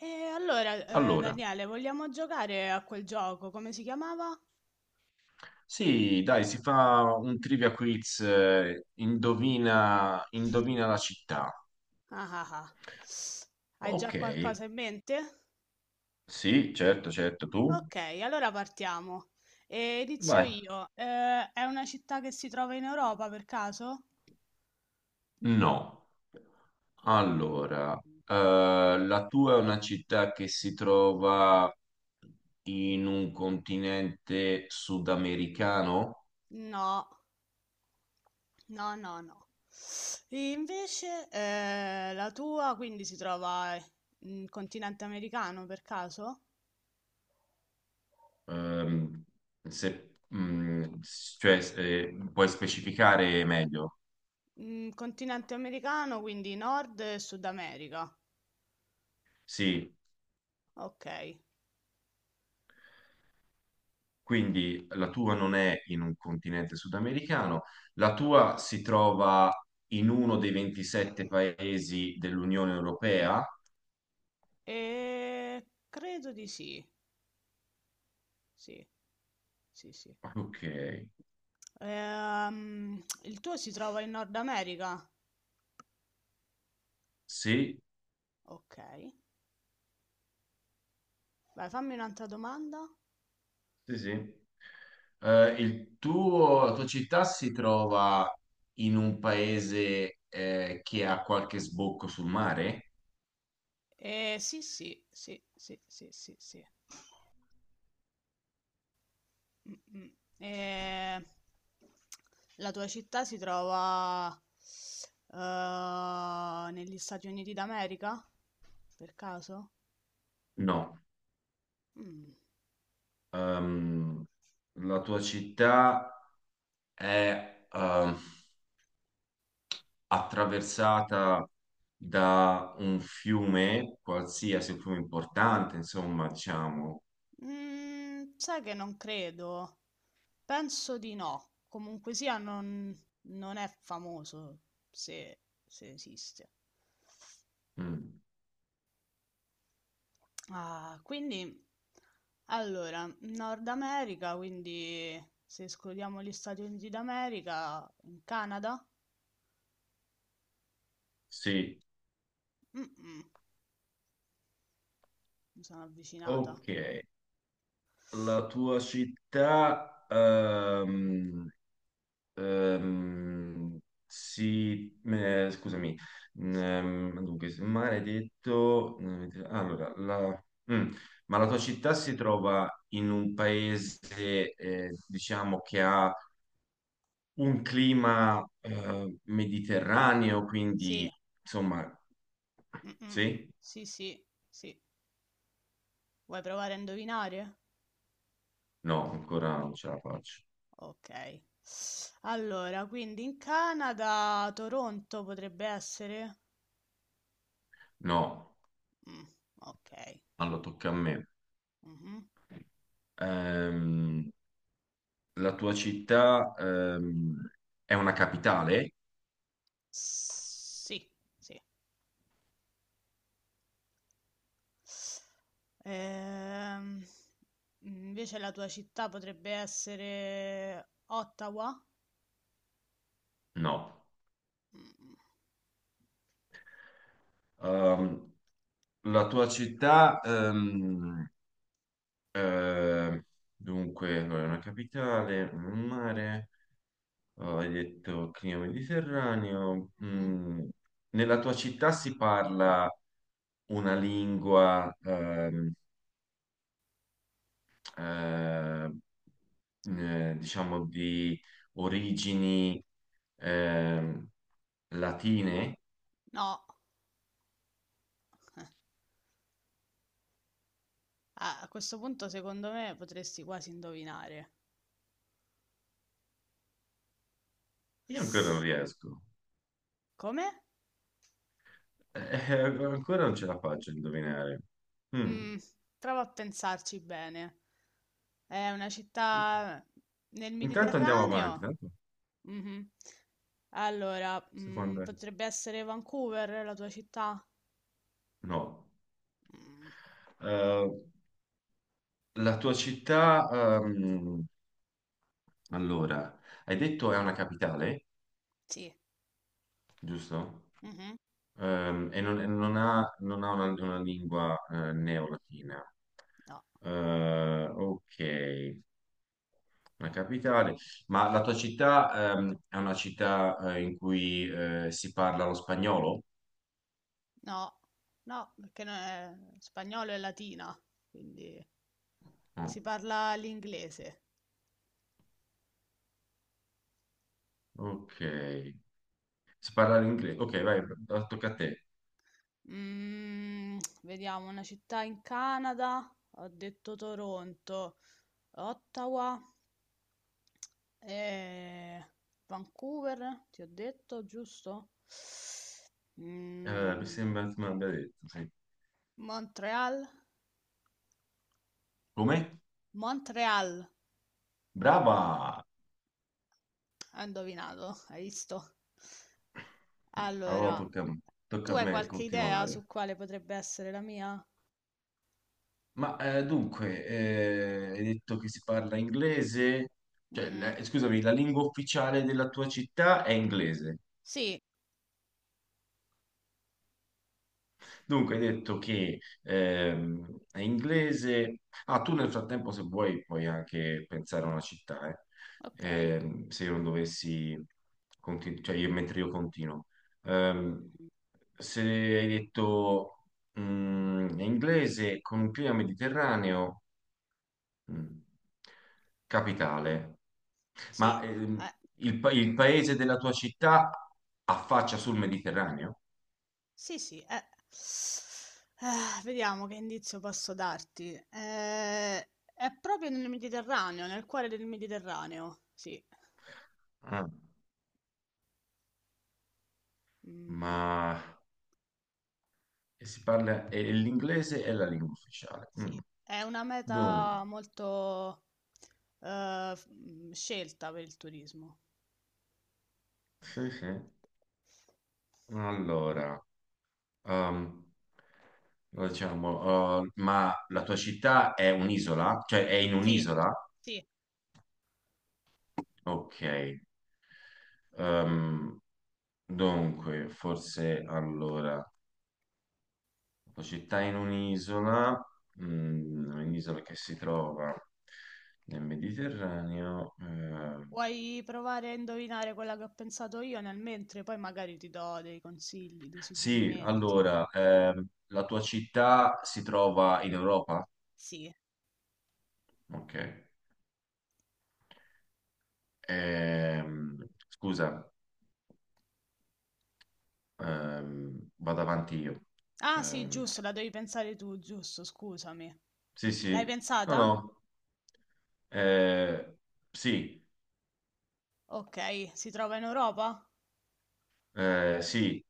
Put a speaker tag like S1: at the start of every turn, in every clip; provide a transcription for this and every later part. S1: E allora,
S2: Allora,
S1: Daniele, vogliamo giocare a quel gioco? Come si chiamava?
S2: sì, dai, si fa un trivia quiz, indovina, la città.
S1: Ah ah ah. Hai già
S2: Ok,
S1: qualcosa in mente?
S2: sì, certo, certo, tu?
S1: Ok, allora partiamo. E inizio
S2: Vai.
S1: io. È una città che si trova in Europa per caso?
S2: No. Allora,
S1: Mm,
S2: la tua è una città che si trova in un continente sudamericano?
S1: no, no, no, no. E invece, la tua quindi si trova in continente americano per caso?
S2: Ehm, se- cioè, puoi specificare meglio?
S1: Mm, continente americano, quindi Nord e Sud America.
S2: Sì.
S1: Okay.
S2: Quindi la tua non è in un continente sudamericano, la
S1: No.
S2: tua si trova in uno dei 27 paesi dell'Unione Europea.
S1: Ehm, Credo di sì. Sì. Sì, sì.
S2: Ok,
S1: Il tuo si trova in Nord America?
S2: sì,
S1: Okay. Vai, fammi un'altra domanda.
S2: sì, sì. Il tuo, la tua città si trova in un paese che ha qualche sbocco sul mare?
S1: Sì, sì, sì, sì, sì, sì, sì. Mh-mh. Ehm, la tua città si trova, negli Stati Uniti d'America? Per caso?
S2: No.
S1: Mh.
S2: Ehm, la tua città è... attraversata da un fiume, qualsiasi un fiume importante, insomma, diciamo.
S1: Mhmm, sai che non credo. Penso di no. Comunque sia non è famoso, se se esiste.
S2: Mm,
S1: Ah, quindi allora, Nord America, quindi se escludiamo gli Stati Uniti d'America, in Canada?
S2: sì,
S1: Mh-mh, mi sono avvicinata.
S2: ok. La tua città ehm, si... scusami,
S1: Sì,
S2: dunque, maledetto... Allora, la... mm, ma la tua città si trova in un paese, diciamo, che ha un clima mediterraneo,
S1: sì,
S2: quindi insomma,
S1: mh-mh,
S2: sì?
S1: sì, sì, sì. Vuoi provare a indovinare?
S2: No, ancora non ce la faccio.
S1: Okay. Allora, quindi in Canada, Toronto potrebbe essere?
S2: No,
S1: Mh, okay.
S2: allora tocca a me.
S1: Mh-mh.
S2: Ehm, la tua città è una capitale?
S1: Sì, sì. Ehm, Invece la tua città potrebbe essere Ottawa?
S2: No.
S1: Mh,
S2: Ehm, la tua città, eh, dunque, allora, è una capitale, un mare, oh, hai detto clima mediterraneo.
S1: mh-mh.
S2: Nella tua città si parla una lingua, eh, diciamo, di origini ehm, latine,
S1: No, a questo punto secondo me potresti quasi indovinare.
S2: io ancora non riesco.
S1: Come?
S2: Eh, ancora non ce la faccio a indovinare. Mm.
S1: Mh, prova a pensarci bene. È una città nel
S2: Intanto andiamo avanti.
S1: Mediterraneo?
S2: Tanto,
S1: Mhm. Allora, mm,
S2: Secondo te?
S1: potrebbe essere Vancouver la tua città?
S2: No.
S1: Mm,
S2: Eh, la tua città, allora, hai detto è una capitale,
S1: sì.
S2: giusto?
S1: Mhm.
S2: E non ha, non ha una lingua neolatina.
S1: No,
S2: Ok, una capitale. Ma la tua città è una città in cui si parla lo spagnolo?
S1: no, no, perché non è spagnolo è latina, quindi
S2: No.
S1: si parla l'inglese.
S2: Ok, si parla l'inglese. Ok, vai, tocca a te.
S1: Mm, vediamo, una città in Canada, ho detto Toronto, Ottawa, eh, Vancouver, ti ho detto, giusto?
S2: Mi
S1: Mm,
S2: sembra che mi abbia detto, sì.
S1: Montreal.
S2: Come?
S1: Montréal,
S2: Brava!
S1: hai indovinato, hai visto?
S2: Allora
S1: Allora,
S2: tocca, tocca
S1: tu
S2: a
S1: hai
S2: me
S1: qualche idea
S2: continuare.
S1: su quale potrebbe essere la mia?
S2: Ma dunque, hai detto che si parla inglese, cioè,
S1: Mhm.
S2: scusami, la lingua ufficiale della tua città è inglese.
S1: Sì,
S2: Dunque, hai detto che è inglese. Ah, tu nel frattempo, se vuoi, puoi anche pensare a una città, eh.
S1: ok.
S2: Se io non dovessi, cioè io, mentre io continuo. Ehm,
S1: Mhm.
S2: se hai detto è inglese con un clima mediterraneo, mm, capitale. Ma
S1: Sì, eh,
S2: il paese della tua città affaccia sul Mediterraneo?
S1: sì, sì. Eh. Vediamo che indizio posso darti. È proprio nel Mediterraneo, nel cuore del Mediterraneo. Sì,
S2: Ah,
S1: mm,
S2: ma e si parla e l'inglese è la lingua ufficiale. Mm.
S1: sì. È una
S2: Dunque,
S1: meta molto scelta per il turismo.
S2: sì, sì. Allora, ehm, diciamo, ma la tua città è un'isola? Cioè è in
S1: Sì,
S2: un'isola?
S1: sì.
S2: Ok. Ehm, dunque, forse allora. La città in un'isola, un'isola che si trova nel Mediterraneo.
S1: Vuoi provare a indovinare quella che ho pensato io nel mentre? Poi magari ti do dei consigli, dei
S2: Sì,
S1: suggerimenti.
S2: allora, la tua città si trova in Europa?
S1: Sì.
S2: Ok. Ehm, scusa, vado avanti io.
S1: Ah, sì,
S2: Ehm,
S1: giusto, la devi pensare tu, giusto, scusami.
S2: sì,
S1: L'hai
S2: sì, no,
S1: pensata?
S2: no. eh, sì,
S1: Ok, si trova in Europa?
S2: sì.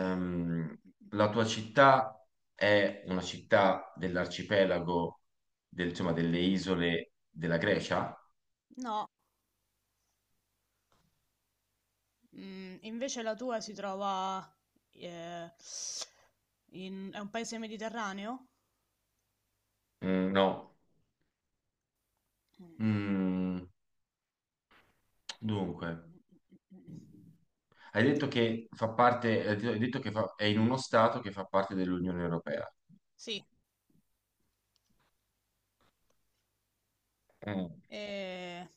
S1: Mm,
S2: la tua città è una città dell'arcipelago, insomma, delle isole della Grecia?
S1: no, mm, invece la tua si trova eh, è un paese mediterraneo?
S2: Mm, no.
S1: Mm, mm,
S2: Mm, dunque,
S1: mm, mm, mm.
S2: hai detto che è in uno stato che fa parte dell'Unione Europea.
S1: Sì,
S2: Mm,
S1: eh,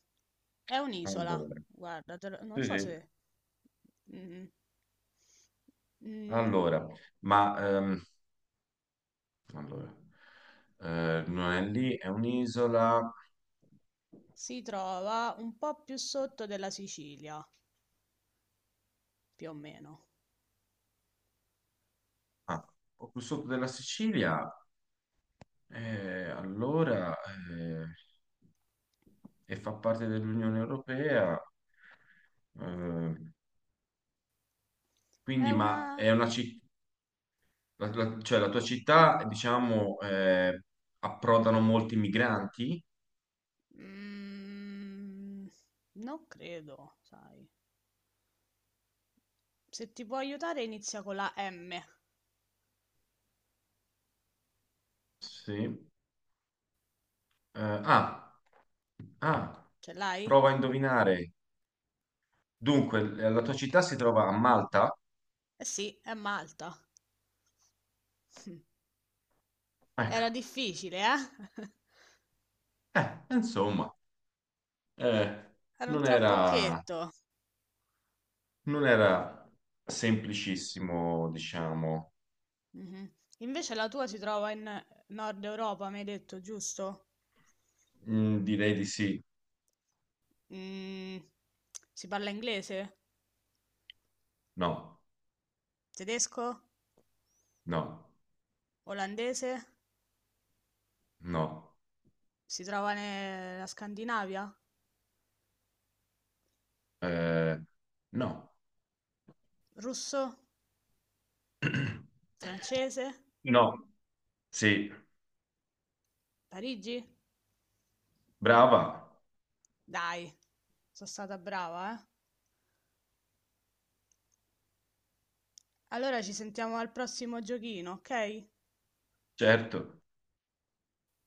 S1: è un'isola,
S2: allora,
S1: guarda,
S2: sì,
S1: non so
S2: sì.
S1: se... mm, mm,
S2: Allora, ma allora, non è lì, è un'isola.
S1: si trova un po' più sotto della Sicilia, più o meno.
S2: Ah, o più sotto della Sicilia. Allora, eh, e fa parte dell'Unione Europea, eh,
S1: È
S2: quindi, ma
S1: una...
S2: è una città, cioè la tua città, diciamo, approdano molti migranti?
S1: Mm, non credo, sai. Se ti può aiutare inizia con la M.
S2: Sì. Eh, ah, ah,
S1: Ce l'hai?
S2: prova a indovinare. Dunque, la tua città si trova a Malta?
S1: Eh sì, è Malta.
S2: Ecco,
S1: Era difficile, eh?
S2: insomma, eh,
S1: Era un
S2: non era,
S1: trabocchetto.
S2: non era semplicissimo, diciamo.
S1: Mhm. Invece la tua si trova in Nord Europa, mi hai detto, giusto?
S2: Mm, direi di sì.
S1: Mm, si parla inglese,
S2: No,
S1: tedesco,
S2: no,
S1: olandese,
S2: no.
S1: si trova nella Scandinavia,
S2: Eh, no.
S1: russo, francese,
S2: No, sì,
S1: Parigi?
S2: brava,
S1: Dai, sono stata brava, eh? Allora ci sentiamo al prossimo giochino, ok?
S2: certo.